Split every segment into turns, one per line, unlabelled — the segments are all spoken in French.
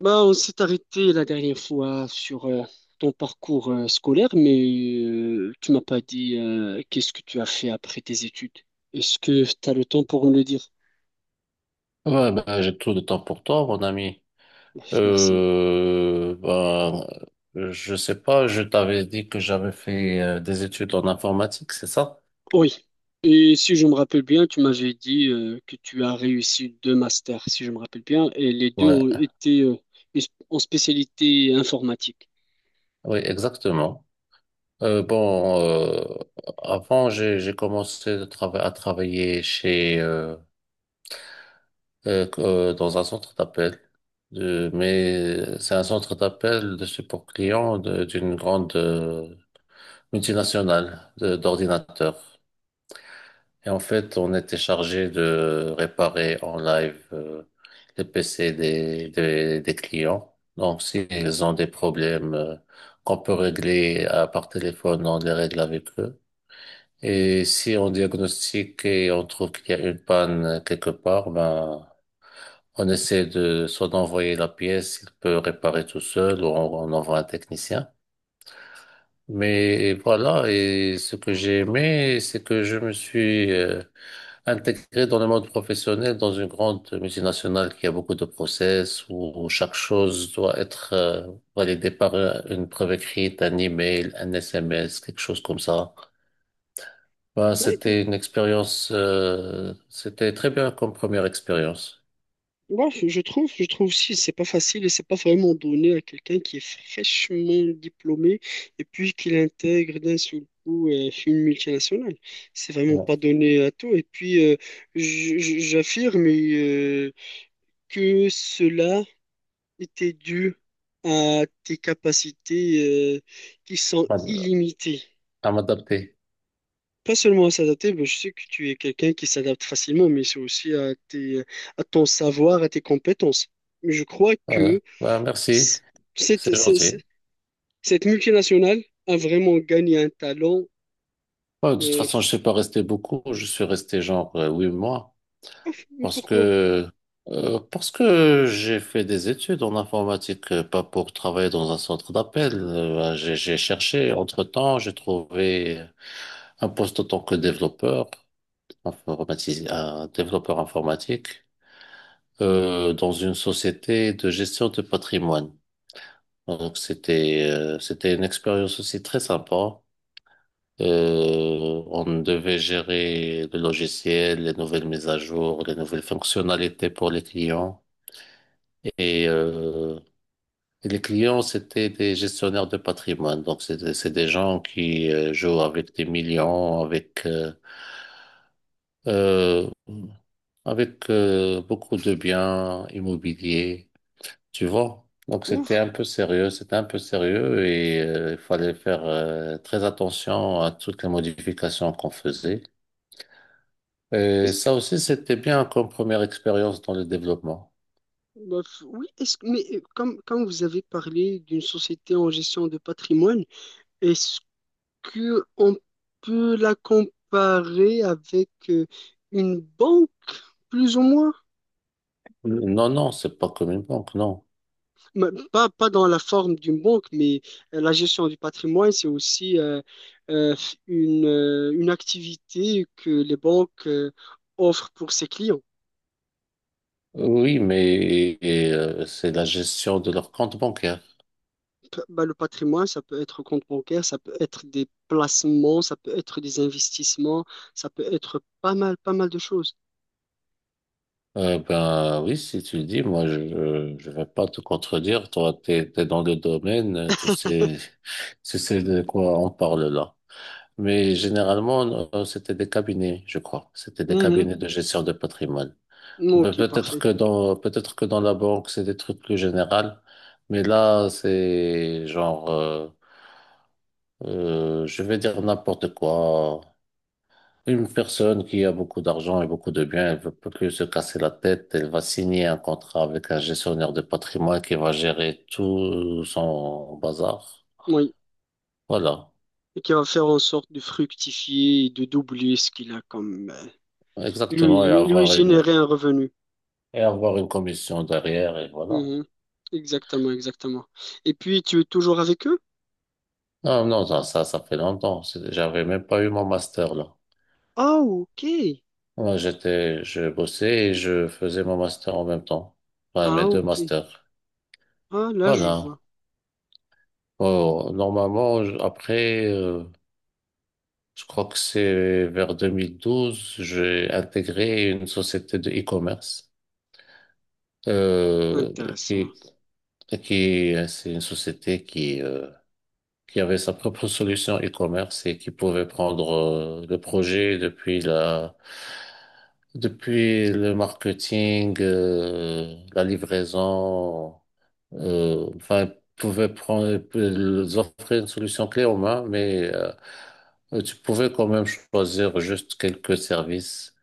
Bah, on s'est arrêté la dernière fois sur ton parcours scolaire, mais tu m'as pas dit qu'est-ce que tu as fait après tes études. Est-ce que tu as le temps pour me le dire?
Ouais, ben, j'ai tout le temps pour toi, mon ami.
Merci.
Euh, ben, je sais pas, je t'avais dit que j'avais fait des études en informatique, c'est ça?
Oui. Et si je me rappelle bien, tu m'avais dit que tu as réussi deux masters, si je me rappelle bien, et les deux
Ouais,
ont été en spécialité informatique.
oui, exactement. Euh, bon, euh, avant, j'ai commencé de à travailler dans un centre d'appel. Mais c'est un centre d'appel de support client d'une grande multinationale d'ordinateurs. Et en fait, on était chargé de réparer en live les PC des clients. Donc, s'ils ont des problèmes qu'on peut régler à, par téléphone, on les règle avec eux. Et si on diagnostique et on trouve qu'il y a une panne quelque part, ben, on essaie de soit d'envoyer la pièce, il peut réparer tout seul, ou on envoie un technicien. Mais voilà, et ce que j'ai aimé, c'est que je me suis intégré dans le monde professionnel, dans une grande multinationale qui a beaucoup de process, où chaque chose doit être validée par une preuve écrite, un email, un SMS, quelque chose comme ça. Ben, c'était une expérience, c'était très bien comme première expérience.
Ouais, je trouve, je trouve aussi, c'est pas facile et c'est pas vraiment donné à quelqu'un qui est fraîchement diplômé et puis qu'il intègre d'un seul coup une multinationale. C'est vraiment pas
Ouais.
donné à tout. Et puis, j'affirme que cela était dû à tes capacités qui sont
Pas-
illimitées.
À m'adapter.
Pas seulement à s'adapter, mais je sais que tu es quelqu'un qui s'adapte facilement, mais c'est aussi à tes, à ton savoir, à tes compétences. Mais je crois
Voilà.
que
Ben, merci,
c- Cette,
c'est
c'est-
gentil.
c'est- cette multinationale a vraiment gagné un talent.
Ouais, de toute
euh,
façon, je ne suis pas resté beaucoup, je suis resté genre 8 mois.
mais
Parce
pourquoi?
que, parce que j'ai fait des études en informatique, pas pour travailler dans un centre d'appel. Bah, j'ai cherché, entre-temps, j'ai trouvé un poste en tant que développeur, un développeur informatique, dans une société de gestion de patrimoine. Donc c'était, c'était une expérience aussi très sympa. On devait gérer le logiciel, les nouvelles mises à jour, les nouvelles fonctionnalités pour les clients. Et, euh, et les clients, c'était des gestionnaires de patrimoine. Donc, c'est des gens qui jouent avec des millions, avec, euh, euh, avec euh, beaucoup de biens immobiliers, tu vois. Donc,
Ouf.
c'était un peu sérieux, c'était un peu sérieux et il fallait faire très attention à toutes les modifications qu'on faisait. Et
Est-ce-
ça aussi, c'était bien comme première expérience dans le développement.
oui, mais comme, quand vous avez parlé d'une société en gestion de patrimoine, est-ce que on peut la comparer avec une banque, plus ou moins?
Non, non, c'est pas comme une banque, non.
Mais pas dans la forme d'une banque, mais la gestion du patrimoine, c'est aussi euh, une activité que les banques offrent pour ses clients.
Oui, mais c'est la gestion de leur compte bancaire.
Bah, le patrimoine, ça peut être compte bancaire, ça peut être des placements, ça peut être des investissements, ça peut être pas mal, pas mal de choses.
Ben oui, si tu le dis, moi je vais pas te contredire. Toi, t'es dans le domaine, tu sais tu sais de quoi on parle là. Mais généralement, c'était des cabinets, je crois. C'était des
Mhm.
cabinets de gestion de patrimoine. Ben,
Ok, parfait.
peut-être que dans la banque, c'est des trucs plus généraux. Mais là, c'est genre, je vais dire n'importe quoi. Une personne qui a beaucoup d'argent et beaucoup de biens, elle veut pas que se casser la tête, elle va signer un contrat avec un gestionnaire de patrimoine qui va gérer tout son bazar.
Oui.
Voilà.
Et qui va faire en sorte de fructifier et de doubler ce qu'il a comme...
Exactement.
lui, lui, lui générer un revenu.
Et avoir une commission derrière et voilà.
Mhm. Exactement, exactement. Et puis, tu es toujours avec eux?
Non, non, ça fait longtemps. C'est- J'avais même pas eu mon master là.
Ah, ok.
Moi, j'étais, je bossais et je faisais mon master en même temps. Enfin,
Ah,
mes deux
ok.
masters.
Ah, là, je
Voilà.
vois.
Oh, normalement, je crois que c'est vers 2012, j'ai intégré une société de e-commerce euh,
Intéressant.
qui qui c'est une société qui avait sa propre solution e-commerce et qui pouvait prendre le projet depuis le marketing, la livraison euh, enfin, pouvait prendre, ils offraient une solution clé en main, mais tu pouvais quand même choisir juste quelques services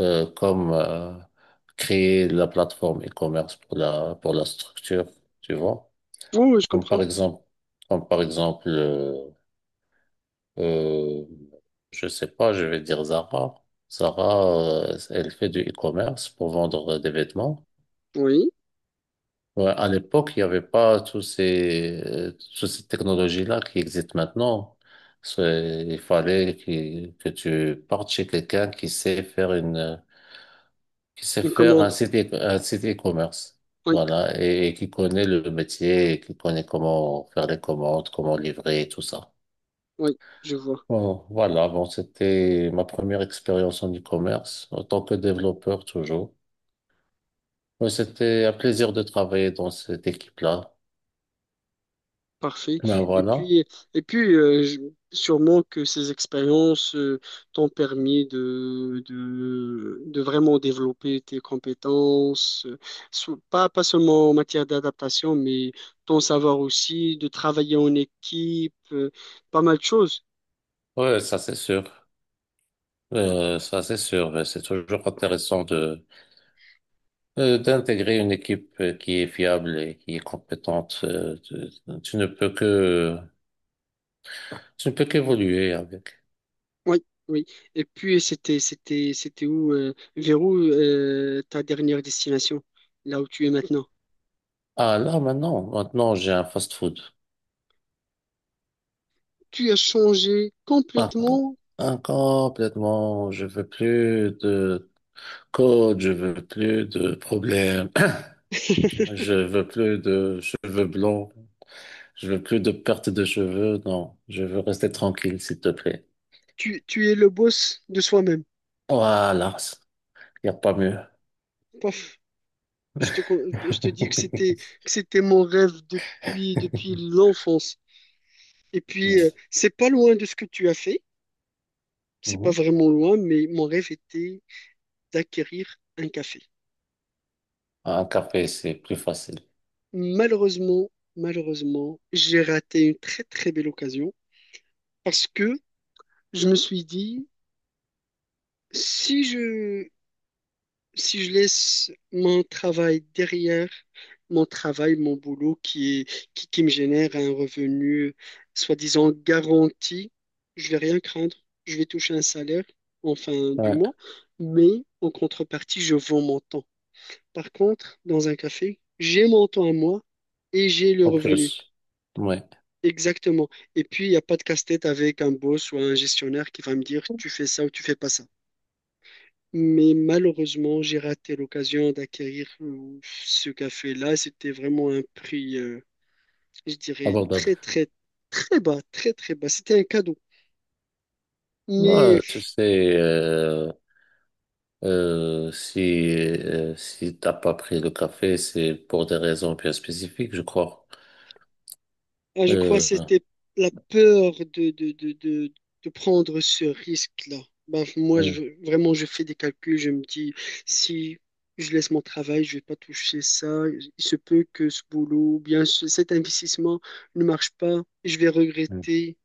comme créer la plateforme e-commerce pour la structure, tu vois.
Oh, oui, je
Comme
comprends.
par exemple, comme par exemple, euh, je sais pas, je vais dire Zara. Zara, elle fait du e-commerce pour vendre des vêtements.
Oui,
Ouais, à l'époque, il n'y avait pas toutes ces technologies-là qui existent maintenant. C'est- Il fallait que tu partes chez quelqu'un qui sait faire qui sait
une
faire un
commande.
un site e-commerce.
Oui,
Voilà. Et qui connaît le métier, et qui connaît comment faire les commandes, comment livrer, tout ça.
oui, je vois.
Bon, voilà. Bon, c'était ma première expérience en e-commerce, en tant que développeur toujours. Mais c'était un plaisir de travailler dans cette équipe-là.
Parfait.
Ben
Et
voilà.
puis, et puis euh, je- sûrement que ces expériences t'ont permis de vraiment développer tes compétences, pas, pas seulement en matière d'adaptation, mais ton savoir aussi, de travailler en équipe, pas mal de choses.
Ouais, ça c'est sûr. Ça, c'est sûr. Mais c'est toujours intéressant de d'intégrer une équipe qui est fiable et qui est compétente. Tu ne peux que tu ne peux qu'évoluer avec.
Oui, oui. Et puis, c'était, c'était, c'était où, vers où ta dernière destination, là où tu es maintenant?
Ah là, maintenant, maintenant, j'ai un fast-food.
Tu as changé
Ah,
complètement.
ah, complètement. Je veux plus de code. Je veux plus de problèmes. Je veux plus de cheveux blancs. Je veux plus de perte de cheveux. Non, je veux rester tranquille, s'il te plaît.
Tu es le boss de soi-même.
Voilà, il n'y a pas mieux.
Paf, je te dis que c'était mon rêve depuis, depuis l'enfance. Et puis,
Ouais.
c'est pas loin de ce que tu as fait. C'est pas
Mhm.
vraiment loin, mais mon rêve était d'acquérir un café.
Un café, c'est plus facile.
Malheureusement, malheureusement, j'ai raté une très très belle occasion parce que je me suis dit, si je, si je laisse mon travail derrière, mon travail, mon boulot qui est, qui me génère un revenu soi-disant garanti, je vais rien craindre. Je vais toucher un salaire en fin du
Ouais.
mois, mais en contrepartie, je vends mon temps. Par contre, dans un café, j'ai mon temps à moi et j'ai le
En
revenu.
plus. Ouais.
Exactement. Et puis, il n'y a pas de casse-tête avec un boss ou un gestionnaire qui va me dire, tu fais ça ou tu fais pas ça. Mais malheureusement, j'ai raté l'occasion d'acquérir ce café-là. C'était vraiment un prix, je dirais,
Abordable.
très bas, très, très bas. C'était un cadeau. Mais
Ouais, tu sais, euh, si, si t'as pas pris le café, c'est pour des raisons bien spécifiques, je crois.
ah, je crois que
Euh,
c'était la peur de prendre ce risque-là. Bah, moi,
mm,
je, vraiment, je fais des calculs. Je me dis, si je laisse mon travail, je vais pas toucher ça. Il se peut que ce boulot ou bien cet investissement ne marche pas. Je vais
mm,
regretter.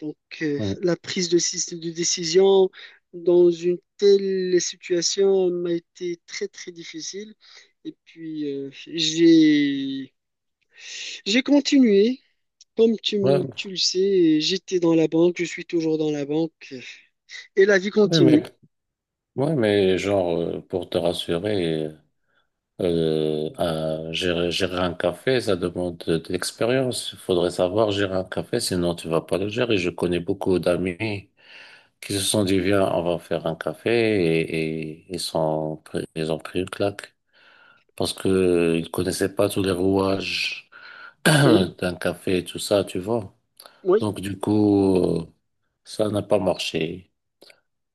Donc,
mm.
la prise de décision dans une telle situation m'a été très, très difficile. Et puis, j'ai continué.
Ouais,
Tu le sais, j'étais dans la banque, je suis toujours dans la banque. Et la vie
ouais, mais,
continue.
ouais, mais genre, pour te rassurer, gérer un café, ça demande de l'expérience. Il faudrait savoir gérer un café, sinon tu vas pas le gérer. Je connais beaucoup d'amis qui se sont dit, viens, on va faire un café et ils ont pris une claque parce que ils connaissaient pas tous les rouages
Oui,
d'un café et tout ça, tu vois.
oui.
Donc, du coup, ça n'a pas marché.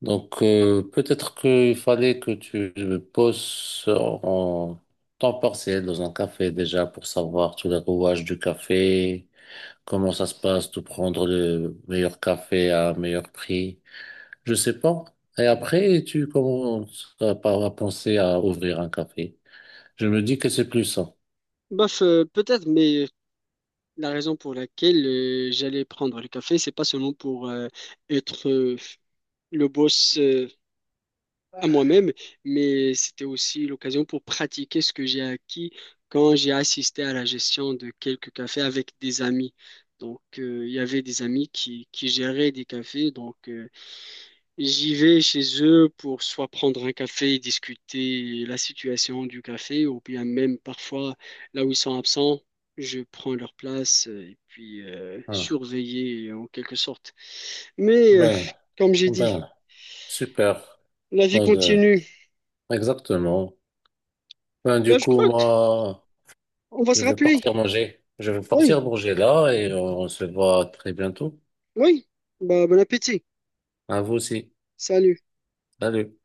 Donc, peut-être qu'il fallait que tu me poses en temps partiel dans un café déjà pour savoir tous les rouages du café, comment ça se passe, de prendre le meilleur café à un meilleur prix. Je sais pas. Et après, tu commences à penser à ouvrir un café. Je me dis que c'est plus ça.
Bof, peut-être, mais la raison pour laquelle j'allais prendre le café, c'est pas seulement pour être le boss à moi-même, mais c'était aussi l'occasion pour pratiquer ce que j'ai acquis quand j'ai assisté à la gestion de quelques cafés avec des amis. Donc, il y avait des amis qui géraient des cafés. Donc, j'y vais chez eux pour soit prendre un café et discuter la situation du café, ou bien même parfois, là où ils sont absents, je prends leur place et puis
Ah.
surveiller en quelque sorte. Mais,
Ben,
comme j'ai dit,
ben, super.
la vie
Ben, euh,
continue.
exactement. Ben,
Bah,
du
je
coup,
crois
moi,
qu'on va
je
se
vais
rappeler.
partir manger. Je vais partir
Oui,
manger là et on se voit très bientôt.
oui. Bah, bon appétit.
À vous aussi.
Salut.
Salut.